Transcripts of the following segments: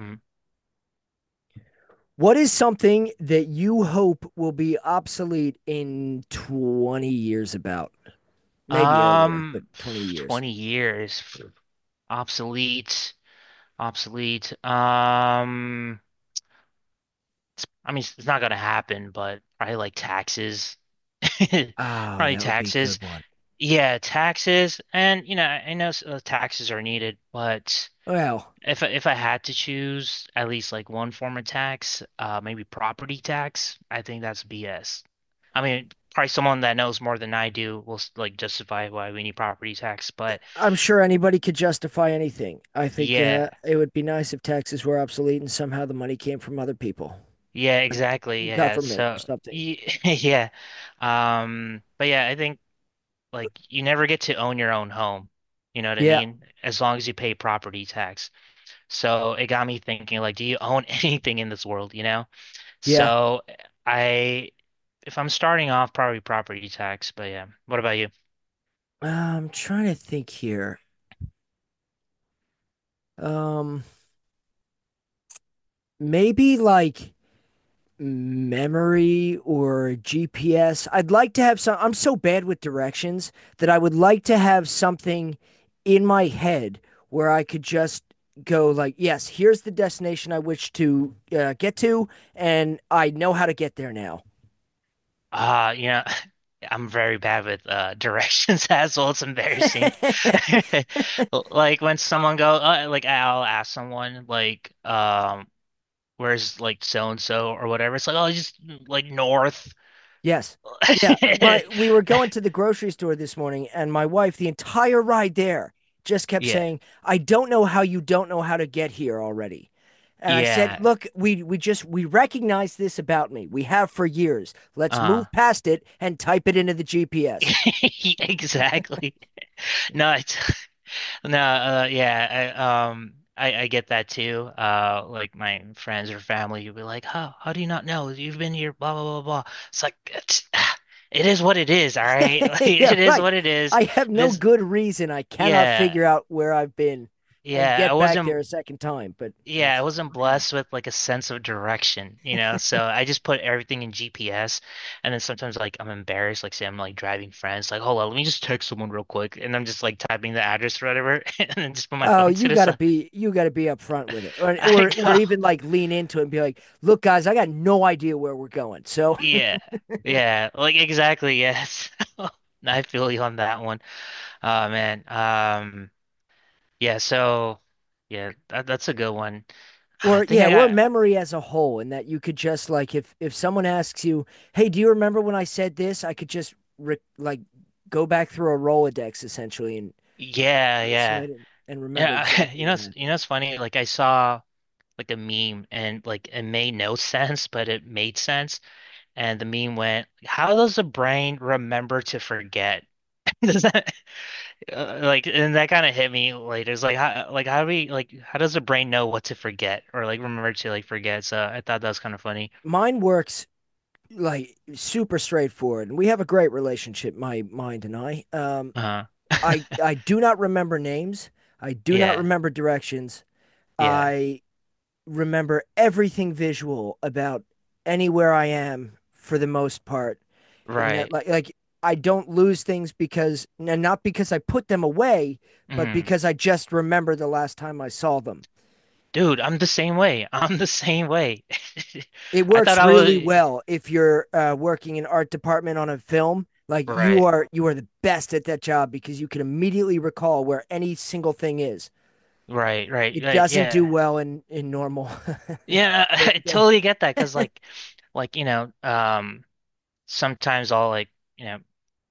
Mm. What is something that you hope will be obsolete in 20 years about? Maybe earlier, but Um, 20 years. 20 years. Obsolete. Obsolete. Um, I mean, it's not gonna happen, but probably like taxes. Oh, Probably that would be a taxes. good one. Yeah, taxes. And you know, I know taxes are needed, but Well, if I had to choose at least like one form of tax, maybe property tax, I think that's BS. I mean, probably someone that knows more than I do will like justify why we need property tax, but I'm sure anybody could justify anything. I think yeah, it would be nice if taxes were obsolete and somehow the money came from other people, yeah, like the exactly. Yeah. government or So, something. Yeah. But yeah, I think like you never get to own your own home. You know what I Yeah, mean? As long as you pay property tax. So it got me thinking, like, do you own anything in this world, you know? yeah. So I, if I'm starting off, probably property tax. But yeah, what about you? I'm trying to think here. Um, Maybe like memory or GPS. I'd like to have some. I'm so bad with directions that I would like to have something in my head where I could just go like, yes, here's the destination I wish to get to, and I know how to get there now. You know, I'm very bad with directions as well. It's embarrassing. Like when someone like I'll ask someone like, where's like so and so or whatever. It's like, oh, just like north. Yes. Yeah. My we were going to the grocery store this morning and my wife the entire ride there just kept Yeah, saying, "I don't know how you don't know how to get here already." And I said, yeah. "Look, we recognize this about me. We have for years. Let's Uh, move past it and type it into the GPS." exactly. No, it's No, yeah, I get that too. Like my friends or family, you'd be like, "Huh? How do you not know? You've been here, blah blah blah blah." It's like it's, it is what it is, all right. Like, Yeah, it is right. what it is. I have no This, good reason I cannot yeah, figure out where I've been and yeah. I get back wasn't, there a second time, but yeah, I that's. wasn't blessed with like a sense of direction, you know. So I just put everything in GPS, and then sometimes like I'm embarrassed, like say I'm like driving friends, like, "Hold on, let me just text someone real quick," and I'm just like typing the address or whatever, and then just put my Oh, phone to you the gotta side. be you gotta be upfront with it, or I or or know. even like lean into it and be like, "Look, guys, I got no idea where we're going." So, Yeah. Yeah. Like exactly. Yes. I feel you on that one. Oh man. Yeah. So. Yeah. That's a good one. I or think yeah, I or got. memory as a whole, and that you could just like if someone asks you, "Hey, do you remember when I said this?" I could just like go back through a Rolodex essentially and Yeah. Yeah. isolate it and remember Yeah. exactly You know. what happened. You know. It's funny. Like I saw like a meme and like it made no sense, but it made sense. And the meme went, "How does the brain remember to forget?" Does that like, and that kind of hit me later. It's like, how do how does the brain know what to forget or like remember to like forget? So I thought that was kind of funny. Mine works like super straightforward, and we have a great relationship, my mind and I. Um, Uh, I I do not remember names. I do not yeah, remember directions. yeah, I remember everything visual about anywhere I am for the most part. In that, right. like I don't lose things because, and not because I put them away, but Hmm. because I just remember the last time I saw them. Dude, I'm the same way. I'm the same way. It I works thought I was really well if you're working in art department on a film. Like you right, are, you are the best at that job because you can immediately recall where any single thing is. It right. doesn't do Yeah, well in normal. yeah. I totally get that because, you know. Sometimes I'll like, you know,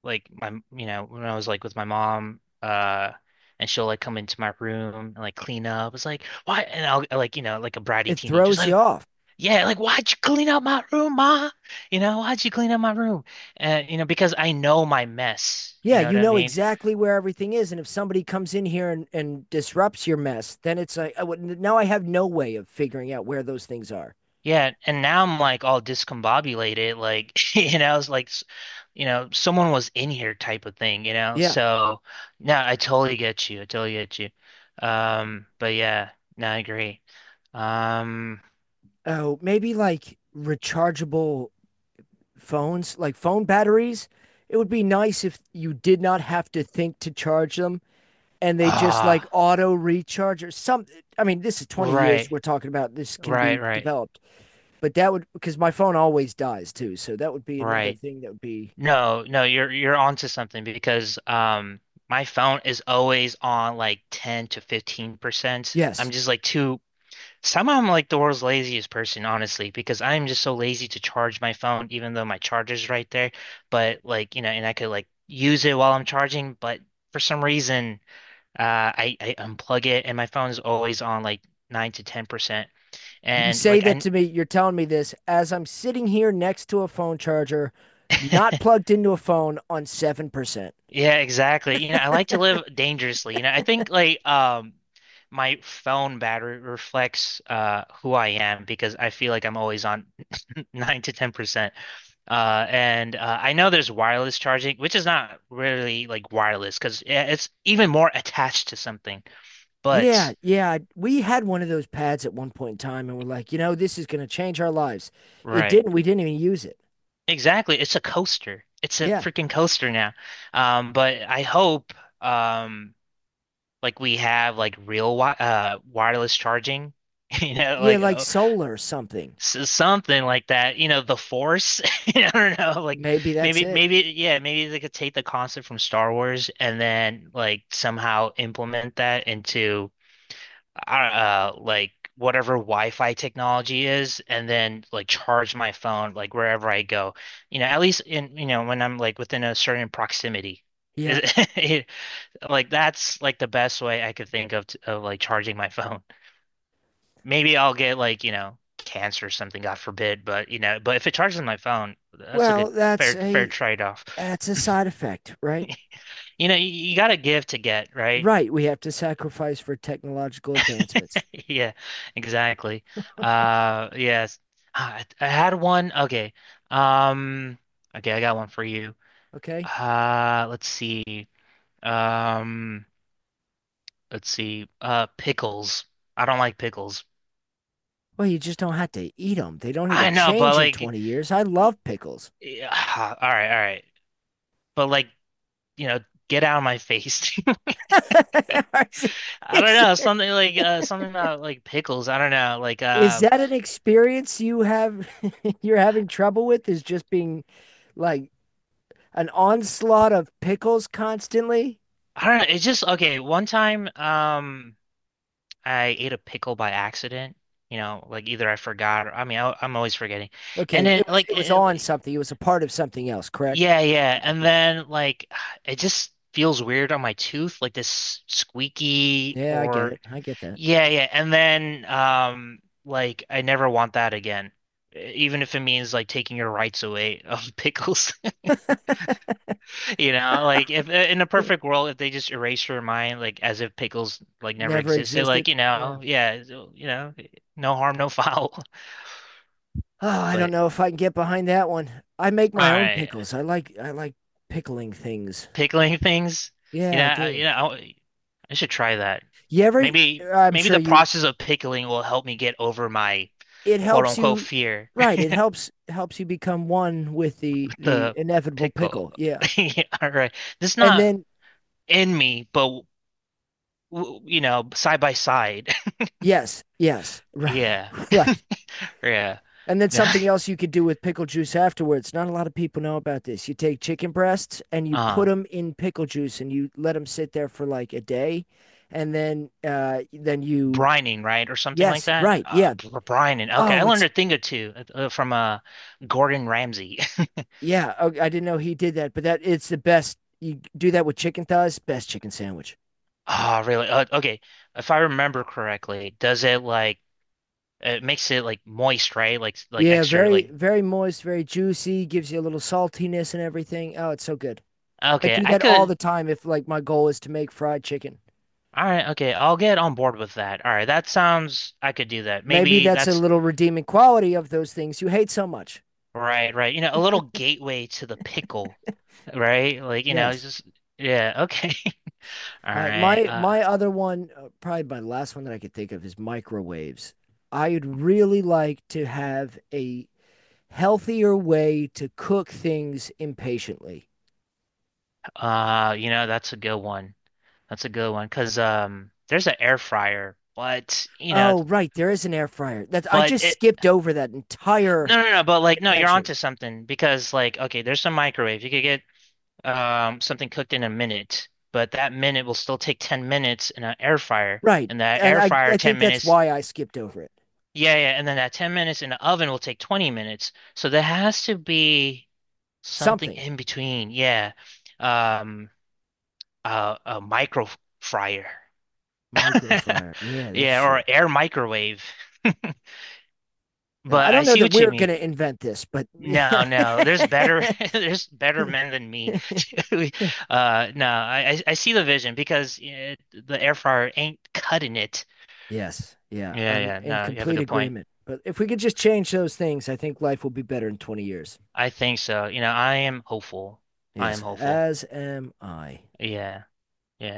like my, you know, when I was like with my mom, and she'll like come into my room and like clean up. It's like, why? And I'll like, you know, like a bratty It teenager's throws you like, off. yeah, like, why'd you clean up my room, ma? You know, why'd you clean up my room? And, you know, because I know my mess, you Yeah, know what you I know mean? exactly where everything is, and if somebody comes in here and disrupts your mess, then it's like now I have no way of figuring out where those things are. Yeah, and now I'm like all discombobulated, like you know, it's like you know, someone was in here type of thing, you know. Yeah. So no, I totally get you. I totally get you. But yeah, no, I agree. Um, Oh, maybe like rechargeable phones, like phone batteries. It would be nice if you did not have to think to charge them, and they just like ah, auto recharge or some. I mean, this is 20 years right, we're talking about. This can right, be right, developed, but that would because my phone always dies too, so that would be another right. thing that would be. No, no, you're onto something because my phone is always on like 10 to 15%. Yes. I'm just like too Somehow I'm like the world's laziest person, honestly, because I'm just so lazy to charge my phone, even though my charger's right there. But like, you know, and I could like use it while I'm charging, but for some reason, I unplug it and my phone is always on like nine to 10%. You And say like, that I, to me, you're telling me this as I'm sitting here next to a phone charger, not plugged into a phone on 7%. yeah, exactly. You know, I like to live dangerously. You know, I think like, my phone battery reflects, who I am because I feel like I'm always on nine to 10%. And I know there's wireless charging, which is not really like wireless because it's even more attached to something. Yeah, But yeah. We had one of those pads at one point in time and we're like, you know, this is going to change our lives. It right, didn't. We didn't even use it. exactly. It's a coaster. It's a Yeah. freaking coaster now. But I hope um like we have like real wi wireless charging, you know, Yeah, like like oh, solar or something. s something like that. You know, the Force. I don't know, like Maybe that's maybe it. maybe yeah, maybe they could take the concept from Star Wars and then like somehow implement that into like whatever Wi-Fi technology is, and then like charge my phone like wherever I go. You know, at least in you know when I'm like within a certain proximity. Yeah. Is- Like that's like the best way I could think of of like charging my phone. Maybe I'll get like you know cancer or something, God forbid. But you know, but if it charges my phone, that's a good Well, that's fair a trade-off. that's a side effect, right? You know, you got to give to get, right? Right. We have to sacrifice for technological advancements. Yeah, exactly. Yes. I had one. Okay. Um, okay, I got one for you. Okay. Let's see. Um, let's see. Pickles. I don't like pickles. Well, you just don't have to eat them. They don't need to I know, but change in like, 20 years. I y- love pickles. Ah, all right. But like, you know, get out of my face. I don't is, know, something like something about like pickles. I don't know, like is that an experience you have you're having trouble with is just being like an onslaught of pickles constantly? I don't know. It's just okay. One time, I ate a pickle by accident. You know, like either I forgot or I mean, I'm always forgetting. Okay, And then it was like, it was on something. It was a part of something else, correct? yeah, yeah. Yeah, And okay. then like, it just feels weird on my tooth, like this squeaky Yeah, I get or it. I get that. yeah, yeah. And then like I never want that again, even if it means like taking your rights away of pickles. You know, like if in a Yeah. perfect world, if they just erased your mind, like as if pickles like never Never existed, existed. like you Yeah. know, yeah, so, you know, no harm, no foul. Oh, I don't But know if I can get behind that one. I make all my own right, pickles. I like pickling things. pickling things, you Yeah, know, I do. I should try that. You ever? I'm Maybe sure the you. process of pickling will help me get over my It quote helps unquote you, fear. right? It helps helps you become one with the The inevitable pickle. pickle. Yeah, Yeah, All right, this and not then in me, but you know, side by side. yes, yes, right, Yeah, right. yeah. And then something else you could do with pickle juice afterwards. Not a lot of people know about this. You take chicken breasts and you put Uh-huh. them in pickle juice and you let them sit there for like a day, and then you. Brining, right, or something like Yes, that. right, yeah. Brining. Okay, I Oh, learned it's. a thing or two from Gordon Ramsay. Yeah. Oh, I didn't know he did that, but that it's the best. You do that with chicken thighs, best chicken sandwich. Ah, really? Okay, if I remember correctly, does it like it makes it like moist, right? Like Yeah, extra very, like. very moist, very juicy, gives you a little saltiness and everything. Oh, it's so good. I Okay, do I that all could. the time if like my goal is to make fried chicken. All right, okay, I'll get on board with that. All right, that sounds. I could do that. Maybe Maybe that's a that's little redeeming quality of those things you hate so much. right, right. You know, a little gateway to the pickle, right? Like you know, it's Yes. just yeah. Okay, all Uh, right. my my other one, probably my last one that I could think of is microwaves. I would really like to have a healthier way to cook things impatiently. You know, that's a good one. That's a good one because there's an air fryer, but you know, Oh, right, there is an air fryer. That I but just it skipped over that entire no, but like no, you're invention. onto something because like okay, there's some microwave. You could get something cooked in a minute, but that minute will still take 10 minutes in an air fryer, Right. and that And air I, fryer I 10 think that's minutes, why I skipped over it. yeah yeah, and then that 10 minutes in the oven will take 20 minutes. So there has to be something Something. in between. Yeah, um, a micro fryer, Microfryer. Yeah, that's yeah, true. or air microwave. Yeah, I But I don't know see that what you we're going mean. to invent this, but yeah. No, no, there's better, there's better men than me. No, I see the vision because eh, the air fryer ain't cutting it. Yes. Yeah. Yeah, I'm yeah, in no, you have a complete good point. agreement. But if we could just change those things, I think life will be better in 20 years. I think so. You know, I am hopeful. I Yes. am hopeful. As am I. Yeah, yeah.